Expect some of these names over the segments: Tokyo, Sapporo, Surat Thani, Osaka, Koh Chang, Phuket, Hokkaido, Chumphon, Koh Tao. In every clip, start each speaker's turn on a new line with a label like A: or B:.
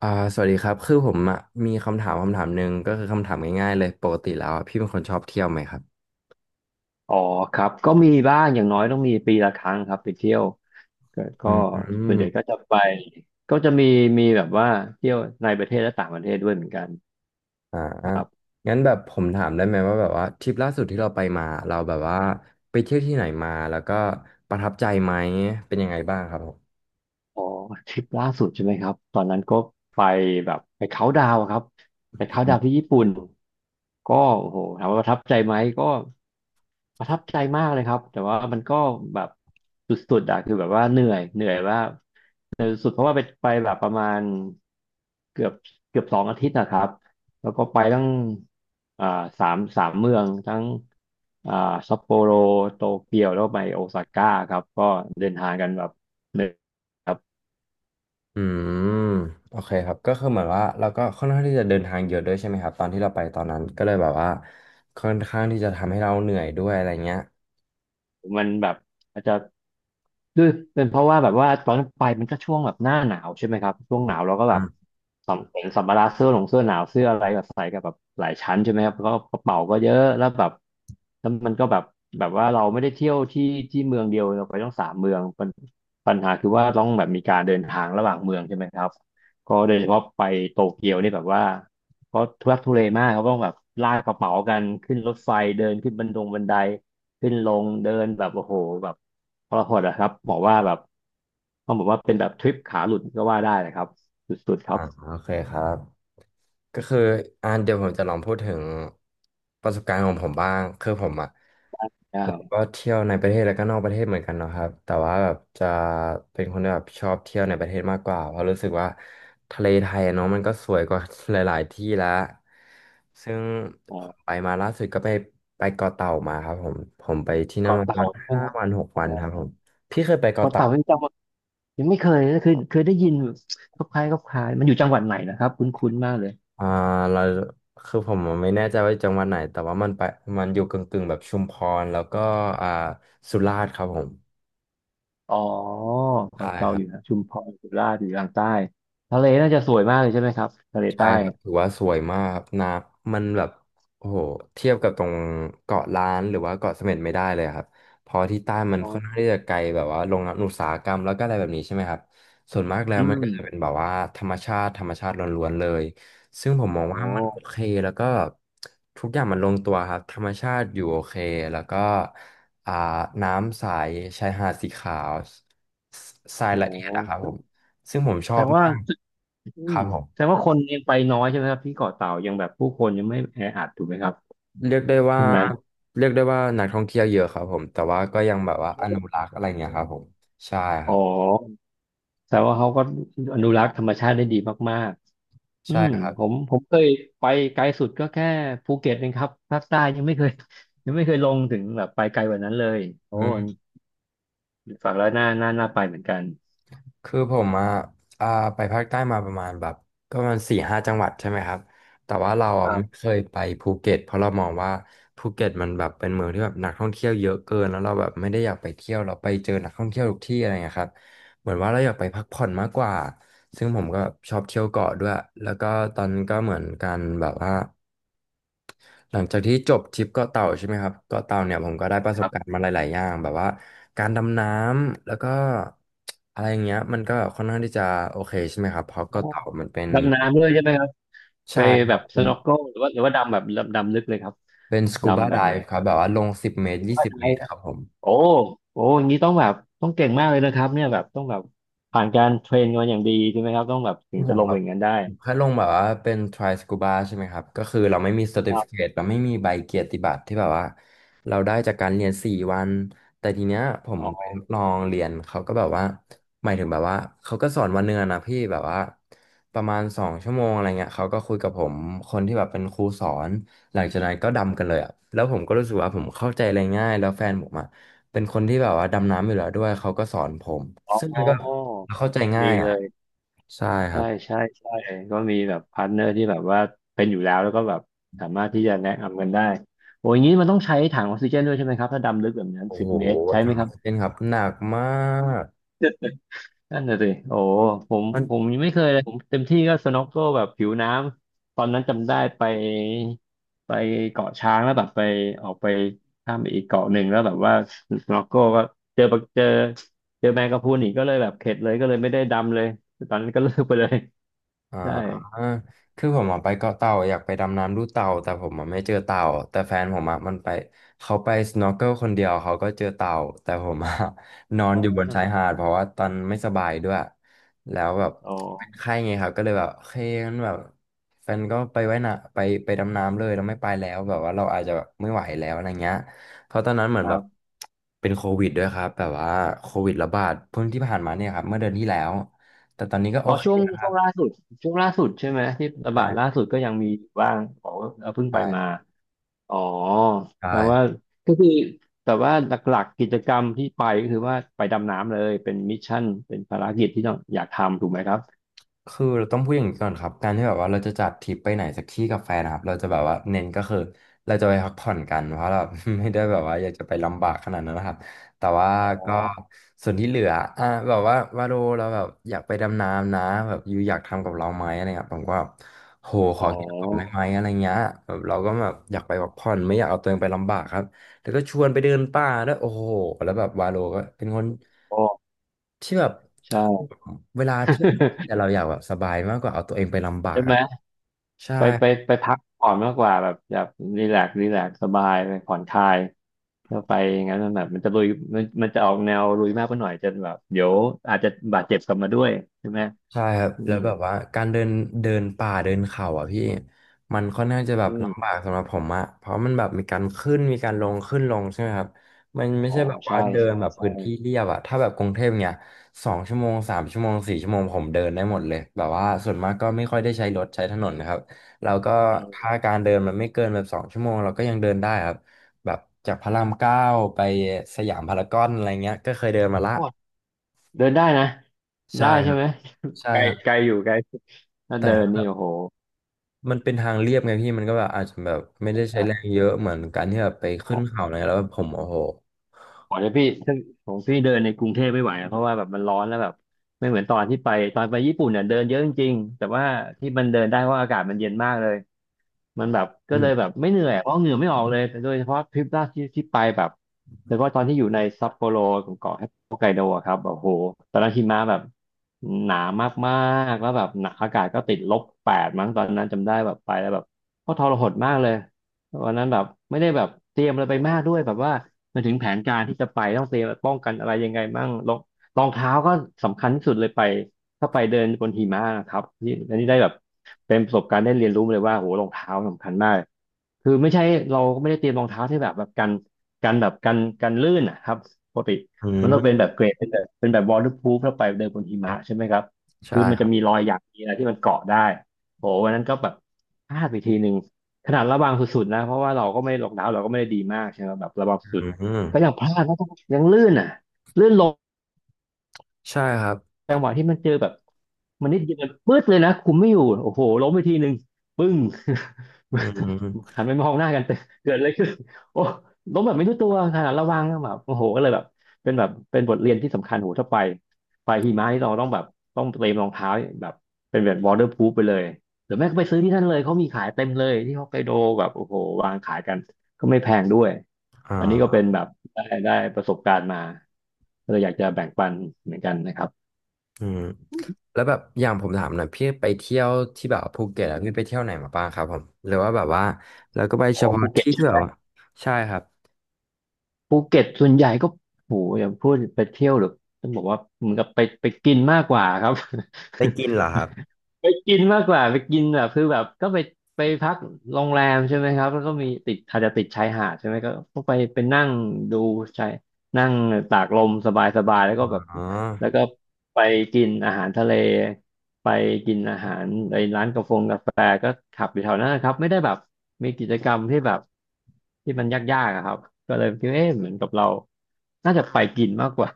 A: อ่าสวัสดีครับคือผมอ่ะมีคำถามหนึ่งก็คือคำถามง่ายๆเลยปกติแล้วอะพี่เป็นคนชอบเที่ยวไหมครับ
B: อ๋อครับก็มีบ้างอย่างน้อยต้องมีปีละครั้งครับไปเที่ยวก็
A: อื
B: ก็ส่วน
A: ม
B: ใหญ่ก็จะไปก็จะมีแบบว่าเที่ยวในประเทศและต่างประเทศด้วยเหมือนกัน
A: อ่างั้นแบบผมถามได้ไหมว่าแบบว่าทริปล่าสุดที่เราไปมาเราแบบว่าไปเที่ยวที่ไหนมาแล้วก็ประทับใจไหมเป็นยังไงบ้างครับผม
B: อ๋อทริปล่าสุดใช่ไหมครับตอนนั้นก็ไปแบบไปเขาน์ดาวน์ครับไปเขาน์ดาวน์ที่ญี่ปุ่นก็โอ้โหถามว่าประทับใจไหมก็ประทับใจมากเลยครับแต่ว่ามันก็แบบสุดๆอะคือแบบว่าเหนื่อยสุดเพราะว่าไปแบบประมาณเกือบเกือบสองอาทิตย์นะครับแล้วก็ไปตั้งอ่าสามเมืองทั้งอ่าซัปโปโรโตเกียวแล้วก็ไปโอซาก้าครับก็เดินทางกันแบบเหนื่อย
A: อืมโอเคครับก็คือเหมือนว่าเราก็ค่อนข้างที่จะเดินทางเยอะด้วยใช่ไหมครับตอนที่เราไปตอนนั้นก็เลยแบบว่าค่อนข้างที่จะทำให้เราเหนื่อยด้วยอะไรเงี้ย
B: มันแบบอาจจะด้วยเป็นเพราะว่าแบบว่าตอนไปมันก็ช่วงแบบหน้าหนาวใช่ไหมครับช่วงหนาวเราก็แบบ
A: อ่า
B: สัมภาระเสื้อหนาวเสื้ออะไรแบบใส่กับแบบหลายชั้นใช่ไหมครับแล้วก็กระเป๋าก็เยอะแล้วแบบแล้วมันก็แบบแบบว่าเราไม่ได้เที่ยวที่ที่เมืองเดียวเราไปต้องสามเมืองปัญหาคือว่าต้องแบบมีการเดินทางระหว่างเมืองใช่ไหมครับก็โดยเฉพาะไปโตเกียวนี่แบบว่า เพราะทุรักทุเลมากเขาต้องแบบลากกระเป๋ากันขึ้นรถไฟเดินขึ้นบันไดขึ้นลงเดินแบบโอ้โหแบบทรหดอะครับบอกว่าแบบต้องบอกว่าเป็นแบบทริปขาหลุดก็ว่าได้นะครับสุดๆครั
A: อ่า
B: บ
A: โอเคครับ ก็คือเดี๋ยวผมจะลองพูดถึงประสบการณ์ของผมบ้างคือผมอ่ะแล้ว
B: ได้
A: ก็เที่ยวในประเทศแล้วก็นอกประเทศเหมือนกันเนาะครับแต่ว่าแบบจะเป็นคนที่แบบชอบเที่ยวในประเทศมากกว่าเพราะรู้สึกว่าทะเลไทยอะเนาะมันก็สวยกว่าหลายๆที่แล้วซึ่ง
B: อ๋อ
A: ผมไปมาล่าสุดก็ไปเกาะเต่ามาครับผมผมไปที่นั่น
B: เกาะ
A: มาประ
B: เต่า
A: มาณ
B: ใช่ไหม
A: ห้า
B: ครับ
A: วันหก
B: อ๋อ
A: วันครับผมพี่เคยไปเกาะ
B: เกาะ
A: เต่า
B: เต่ายังไม่เคยนะคือเคยได้ยินคล้ายๆคล้ายๆมันอยู่จังหวัดไหนนะครับคุ้นๆมากเลย
A: อ่าเราคือผมไม่แน่ใจว่าจังหวัดไหนแต่ว่ามันอยู่กึ่งๆแบบชุมพรแล้วก็อ่าสุราษฎร์ครับผม
B: อ๋อเกะ
A: ใช่
B: เต่า
A: ครั
B: อยู่
A: บ
B: นะชุมพรสุราษฎร์อยู่ทางใต้ทะเลน่าจะสวยมากเลยใช่ไหมครับทะเล
A: ใช่
B: ใต้
A: ครับถือว่าสวยมากครับน้ำมันแบบโอ้โหเทียบกับตรงเกาะล้านหรือว่าเกาะเสม็ดไม่ได้เลยครับเพอที่ใต้มัน
B: อ๋อ
A: ค่อนข้างที่จะไกลแบบว่าโรงงานอุตสาหกรรมแล้วก็อะไรแบบนี้ใช่ไหมครับส่วนมากแล้ว
B: อื
A: มัน
B: ม
A: ก็จะเป็นแบบว่าธรรมชาติธรรมชาติล้วนๆเลยซึ่งผม
B: อ๋
A: มอ
B: อ
A: งว่ามันโอเคแล้วก็ทุกอย่างมันลงตัวครับธรรมชาติอยู่โอเคแล้วก็อ่าน้ำใสชายหาดสีขาวทราย
B: โอ
A: ละเอียดอะครับ
B: ้
A: ผมซึ่งผมช
B: แส
A: อ
B: ด
A: บ
B: งว่า
A: มาก
B: อื
A: ค
B: ม
A: รับผม
B: แสดงว่าคนยังไปน้อยใช่ไหมครับที่เกาะเต่ายังแบบผู้คนยังไม่แออัดถูกไหมครับ
A: เรียกได้
B: ต
A: ว่า
B: รงนั้น
A: นักท่องเที่ยวเยอะครับผมแต่ว่าก็ยังแบบว่าอนุรักษ์อะไรเงี้ยครับผมใช่ค
B: อ๋
A: รั
B: อ
A: บ
B: แสดงว่าเขาก็อนุรักษ์ธรรมชาติได้ดีมากๆอื
A: ใช่
B: ม
A: ครับ
B: ผมเคยไปไกลสุดก็แค่ภูเก็ตเองครับภาคใต้ยังไม่เคย ยังไม่เคยลงถึงแบบไปไกลกว่านั้นเลยโอ้
A: อืม
B: ฝังแล้วน่าไปเหมือนกัน
A: คือผมอ่ะอ่าไปภาคใต้มาประมาณแบบก็ประมาณสี่ห้าจังหวัดใช่ไหมครับแต่ว่าเรา
B: ค
A: อ่ะ
B: รั
A: ไม่
B: บ
A: เคยไปภูเก็ตเพราะเรามองว่าภูเก็ตมันแบบเป็นเมืองที่แบบนักท่องเที่ยวเยอะเกินแล้วเราแบบไม่ได้อยากไปเที่ยวเราไปเจอนักท่องเที่ยวทุกที่อะไรเงี้ยครับเหมือนว่าเราอยากไปพักผ่อนมากกว่าซึ่งผมก็ชอบเที่ยวเกาะด้วยแล้วก็ตอนนั้นก็เหมือนกันแบบว่า หลังจากที่จบทริปเกาะเต่าใช่ไหมครับเกาะเต่าเนี่ยผมก็ได้ประ
B: ค
A: สบ
B: รั
A: การณ์
B: บ
A: มาหลายๆอย่างแบบว่าการดำน้ำแล้วก็อะไรอย่างเงี้ยมันก็ค่อนข้างที่จะโอเคใช่ไหมครับเพ
B: โอ
A: ราะ
B: ้
A: เกาะเต่ามันเป็น
B: ดำน้ำด้วยใช่ไหมครับไป
A: ใช่ค
B: แบ
A: รั
B: บ
A: บ
B: สน็อกเกิลหรือว่าดำแบบดำลึกเลยครับ
A: เป็นสกูบา
B: ดำแบ
A: ได
B: บไหน
A: ฟ์ครับแบบว่าลงสิบเมตร
B: รือ
A: ยี่
B: ว่า
A: สิบ
B: อะไร
A: เมตรครับผม
B: โอ้โอ้อย่างนี้ต้องแบบต้องเก่งมากเลยนะครับเนี่ยแบบต้องแบบผ่านการเทรนมาอย่างดีใช่ไหมครับต้องแบบถึ
A: คือ
B: งจะลงไปอย่างนั้นได้
A: ผมแค่ลงแบบว่าเป็น try scuba ใช่ไหมครับก็คือเราไม่มี
B: ครับ
A: certificate เราไม่มีใบเกียรติบัตรที่แบบว่าเราได้จากการเรียน4 วันแต่ทีเนี้ยผม
B: อ๋อ
A: ไปลองเรียนเขาก็แบบว่าหมายถึงแบบว่าเขาก็สอนวันเนือนนะพี่แบบว่าประมาณ2 ชั่วโมงอะไรเงี้ยเขาก็คุยกับผมคนที่แบบเป็นครูสอนหลังจากนั้นก็ดำกันเลยอ่ะแล้วผมก็รู้สึกว่าผมเข้าใจอะไรง่ายแล้วแฟนผมอ่ะเป็นคนที่แบบว่าดำน้ำอยู่แล้วด้วยเขาก็สอนผม
B: อ
A: ซึ่งมั
B: ๋
A: น
B: อ
A: ก็เข้าใจง่า
B: ดี
A: ย
B: เล
A: อ่ะ
B: ย
A: ใช่ครั
B: ใช่
A: บ
B: ใช่ใช่ก็มีแบบพาร์ทเนอร์ที่แบบว่าเป็นอยู่แล้วแล้วก็แบบสามารถที่จะแนะนำกันได้โอ้อย่างนี้มันต้องใช้ถังออกซิเจนด้วยใช่ไหมครับถ้าดำลึกแบบนั้น
A: โอ้
B: สิบ
A: โห
B: เมตรใช่ไห
A: ถา
B: มค
A: ม
B: รับ
A: เล่นครับหนักมาก
B: นั่นน่ะสิโอ้ผม
A: มัน
B: ผมยังไม่เคยเลย ผมเต็มที่ก็สน็อกเกิลแบบผิวน้ำ ตอนนั้นจำได้ไปเกาะช้างแล้วแบบไปออกไปข้ามไปอีกเกาะหนึ่งแล้วแบบว่าสน็อกเกิลก็เจอปะเจอเจอแมงกะพรุนอีกก็เลยแบบเข็ดเลยก็เลยไม่ได้ดำเลยตอนนั้นก็เลิกไปเลย ได้
A: อ่าคือผมอะไปเกาะเต่าอยากไปดำน้ำดูเต่าแต่ผมอะไม่เจอเต่าแต่แฟนผมอะมันไปเขาไปสโนว์เกิลคนเดียวเขาก็เจอเต่าแต่ผมอะ นอนอยู่บนชายหาดเพราะว่าตอนไม่สบายด้วยแล้วแบบ
B: อ๋อ
A: เป็นไข้ไงครับก็เลยแบบโอเคงั้นแบบแฟนก็ไปไว้นะไปดำน้ำเลยเราไม่ไปแล้วแบบว่าเราอาจจะแบบไม่ไหวแล้วอะไรเงี้ยเพราะตอนนั้นเหมือ
B: ค
A: นแบ
B: รั
A: บ
B: บ
A: เป็นโควิดด้วยครับแบบว่าโควิดระบาดเพิ่งที่ผ่านมาเนี่ยครับเมื่อเดือนที่แล้วแต่ตอนนี้ก็โอ
B: อ๋อ
A: เค
B: ช่วง
A: นะค
B: ช่
A: รั
B: ว
A: บ
B: งล่าสุดช่วงล่าสุดใช่ไหมที่ระบาดล่าสุดก็ยังมีอยู่บ้างอ๋อเพิ่งไปมา
A: ใช่
B: อ๋อ
A: ใช
B: แต่ว่า
A: ่
B: ก็คือแต่ว่าหลักๆกิจกรรมที่ไปก็คือว่าไปดำน้ำเลยเป็นมิชชั่นเป็นภารกิจที่ต้องอยากทำถูกไหมครับ
A: คือเราต้องพูดอย่างนี้ก่อนครับการที่แบบว่าเราจะจัดทริปไปไหนสักที่กับแฟนนะครับเราจะแบบว่าเน้นก็คือเราจะไปพักผ่อนกันเพราะเรา ไม่ได้แบบว่าอยากจะไปลำบากขนาดนั้นนะครับแต่ว่า
B: อ๋อ
A: ก็ส่วนที่เหลือแบบว่าวาโลเราแบบอยากไปดำน้ำนะแบบยูอยากทำกับเราไหมอะไรเงี้ยผมก็แบบโหข
B: อ๋
A: อคิดก่อนได้
B: อ
A: ไหมอะไรเงี้ยแบบเราก็แบบอยากไปพักผ่อนไม่อยากเอาตัวเองไปลำบากครับ แล้วก็ชวนไปเดินป่าด้วยโอ้โหแล้วแบบวาโลก็เป็นคน
B: อ๋อ
A: ที่แบบ
B: ใช่
A: เวลาที่แต่ เราอยากแบบสบายมากกว่าเอาตัวเองไปลำบาก
B: ใช่ไห
A: อะ
B: ม
A: ครับใช่
B: ไปไปพักผ่อนมากกว่าแบบแบบรีแลกซ์รีแลกซ์สบายไปผ่อนคลายแล้วไปอย่างนั้นมันแบบมันจะลุยมันจะออกแนวลุยมากไปหน่อยจะแบบเดี๋ยวอาจจะบาดเจ็บกลับมาด้วยใช่ไหม
A: ใช่ครับ
B: อื
A: แล้
B: ม
A: วแบบว่าการเดินเดินป่าเดินเขาอ่ะพี่มันค่อนข้างจะแบบ
B: อืม
A: ลำบากสำหรับผมอะเพราะมันแบบมีการขึ้นมีการลงขึ้นลงใช่ไหมครับมันไม่
B: อ๋
A: ใช่
B: อ
A: แบบว่า
B: ใช่
A: เดิน
B: ใช่
A: แบบ
B: ใช่
A: พื้นที่เรียบอะถ้าแบบกรุงเทพเนี่ยสองชั่วโมง3 ชั่วโมง4 ชั่วโมงผมเดินได้หมดเลยแบบว่าส่วนมากก็ไม่ค่อยได้ใช้รถใช้ถนนนะครับแล้วก็
B: อืม
A: ถ้าการเดินมันไม่เกินแบบสองชั่วโมงเราก็ยังเดินได้ครับแบบจากพระราม 9ไปสยามพารากอนอะไรเงี้ยก็เคยเดินมาละ
B: เดินได้นะ
A: ใช่
B: ได้
A: ค
B: ใช่
A: รับ
B: ไหม
A: ใช่
B: ไกล
A: ครับ
B: ไกลอยู่ไกลถ้า
A: แต่
B: เดินนี่โอ้โห
A: มันเป็นทางเรียบไงพี่มันก็แบบอาจจะแบบไม่ได้ใช้แรง
B: อ่า
A: เยอะเหมือนการที่แบบไปขึ้นเขาอะไรแล้วแบบผมโอ้โห
B: ขอเลยพี่ซึ่งผมพี่เดินในกรุงเทพไม่ไหวอะเพราะว่าแบบมันร้อนแล้วแบบไม่เหมือนตอนที่ไปตอนไปญี่ปุ่นเนี่ยเดินเยอะจริงๆแต่ว่าที่มันเดินได้เพราะอากาศมันเย็นมากเลยมันแบบก็
A: อื
B: เล
A: ม
B: ยแบบไม่เหนื่อยเพราะเหงื่อไม่ออกเลยแต่โดยเฉพาะทริปล่าสุดที่ไปแบบแล้วก็ตอนที่อยู่ในซัปโปโรของเกาะฮอกไกโดอะครับแบบโหตอนนั้นหิมะแบบหนามากๆแล้วแบบหนักอากาศก็ติดลบแปดมั้งตอนนั้นจำได้แบบไปแล้วแบบก็ทรหดมากเลย วันนั้นแบบไม่ได้แบบเตรียมอะไรไปมากด้วยแบบว่ามนถึงแผนการที่จะไปต้องเตรียมป้องกันอะไรยังไงบ้างรองเท้าก็สำคัญที่สุดเลยไปถ้าไปเดินบนหิมะนะครับที่อันนี้ได้แบบเป็นประสบการณ์ได้เรียนรู้เลยว่าโหรองเท้าสำคัญมากคือไม่ใช่เราก็ไม่ได้เตรียมรองเท้าที่แบบแบบกันลื่นนะครับปกติ
A: อื
B: มันต้องเป็นแบ
A: ม
B: บเกรดเป็นแบบเป็นแบบ waterproof แล้วไปเดินบนหิมะใช่ไหมครับ
A: ใช่
B: คือมัน
A: ค
B: จะ
A: รับ
B: มีรอยหยักมีอะไรที่มันเกาะได้โหวันนั้นก็แบบพลาดไปทีหนึ่ง ขนาดระวังสุดๆนะเพราะว่าเราก็ไม่ล็อกดาวน์เราก็ไม่ได้ดีมากใช่ไหมแบบระวังสุ
A: อื
B: ดก็ยัง
A: ม
B: พลาดแล้องยังลื่นอ่ะลื่นล้
A: ใช่ครับ
B: จังหวะที่มันเจอแบบมันนิดเดียวมันปื๊ดเลยนะคุมไม่อยู่โอ้โหล้มไปทีหนึ่งปึ้ง
A: อืม
B: หันไปมองหน้ากันเตเกิดอะไรขึ้นโอ้ล้มแบบไม่รู้ตัวขนาดระวังแบบโอ้โหก็เลยแบบเป็นแบบเป็นบทเรียนที่สำคัญโหถ้าไปหิมะนี่เราต้องแบบต้องเตรียมรองเท้าแบบเป็นแบบ waterproof ไปเลยหรือแม่ก็ไปซื้อที่นั่นเลยเขามีขายเต็มเลยที่ฮอกไกโดแบบโอ้โหวางขายกันก็ไม่แพงด้วยอันนี้ก็
A: อ่า
B: เป็นแบบได้ประสบการณ์มาก็เลยอยากจะแบ่งปันเหมือนกันนะครับ
A: อืมแล้วแบบอย่างผมถามหน่อยพี่ไปเที่ยวที่แบบภูเก็ตอะพี่ไปเที่ยวไหนมาบ้างครับผมหรือว่าแบบว่าแล้วก็ไป
B: อ๋
A: เฉ
B: อ
A: พาะ
B: ภูเก็ต
A: ที่
B: ใช่
A: ที่
B: ไหม
A: แบบว่าใช่ครับ
B: ภูเก็ตส่วนใหญ่ก็โหอย่าพูดไปเที่ยวหรือต้องบอกว่าเหมือนกับไปกินมากกว่าครับ
A: ไปกินเหรอครับ
B: ไปกินมากกว่าไปกินแบบคือแบบก็ไปพักโรงแรมใช่ไหมครับแล้วก็มีติดอาจจะติดชายหาดใช่ไหมก็ไปนั่งดูชายนั่งตากลมสบายๆแล้วก็แบบ
A: อ๋อ
B: แล้วก็ไปกินอาหารทะเลไปกินอาหารในร้านกาแฟก็ขับอยู่แถวนั้นนะครับไม่ได้แบบมีกิจกรรมที่แบบที่มันยากๆอะครับก็เลยคิดว่าเอ๊ะเหมือนกับเราน่าจะไปกินมากกว่า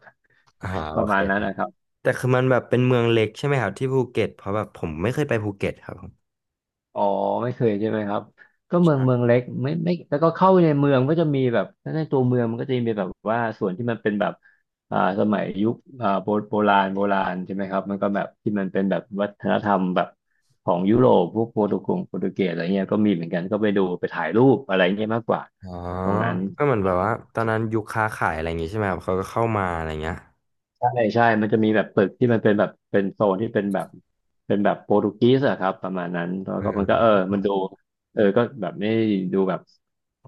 A: อ่า
B: ป
A: โอ
B: ระ
A: เค
B: มาณนั้
A: ค
B: น
A: รับ
B: นะครับ
A: แต่คือมันแบบเป็นเมืองเล็กใช่ไหมครับที่ภูเก็ตเพราะแบบผมไม่เคยไปภูเก็ตครับผม
B: อ๋อไม่เคยใช่ไหมครับก็เมืองเล็กไม่แล้วก็เข้าไปในเมืองก็จะมีแบบถ้าในตัวเมืองมันก็จะมีแบบว่าส่วนที่มันเป็นแบบอ่าสมัยยุคโบราณโบราณใช่ไหมครับมันก็แบบที่มันเป็นแบบวัฒนธรรมแบบของยุโรปพวกโปรตุเกสอะไรเงี้ยก็มีเหมือนกันก็ไปดูไปถ่ายรูปอะไรเงี้ยมากกว่า
A: อ๋อ
B: ตรงนั้น
A: ก็เหมือนแบบว่าตอนนั้นยุคค้าขายอะไรอย่างงี้ใช่ไหมครับเขาก็เข้ามาอะไรเงี้ย
B: ใช่ใช่ มันจะมีแบบตึกที่มันเป็นแบบเป็นโซนที่เป็นแบบเป็นแบบโปรตุเกสอะครับประมาณนั้นแล้ว
A: เอ
B: ก็มันก็เออ
A: อ
B: มันดูเออก็แบบไม่ดูแบบ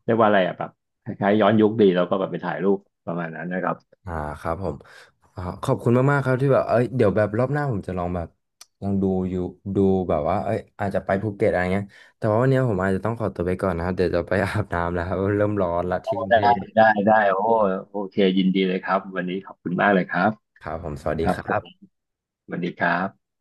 B: เรียกว่าอะไรอะแบบคล้ายๆย้อนยุคดีแล้วก็แบบไปถ่ายรูปประมาณนั้นนะครับ
A: อ่าครับผมอ่าขอบคุณมากๆครับที่แบบเอ้ยเดี๋ยวแบบรอบหน้าผมจะลองแบบลองดูอยู่ดูแบบว่าเอ้ยอาจจะไปภูเก็ตอะไรเงี้ยแต่ว่าวันนี้ผมอาจจะต้องขอตัวไปก่อนนะครับเดี๋ยวจะไปอาบน้ำแล้วครับเริ่มร้อนละที่กรุง
B: ได้
A: เทพ
B: ได้โอ้โอเคยินดีเลยครับวันนี้ขอบคุณมากเลยครับ
A: ครับผมสวัสดี
B: ครั
A: ค
B: บ
A: รั
B: ผม
A: บ
B: สวัสดีครับ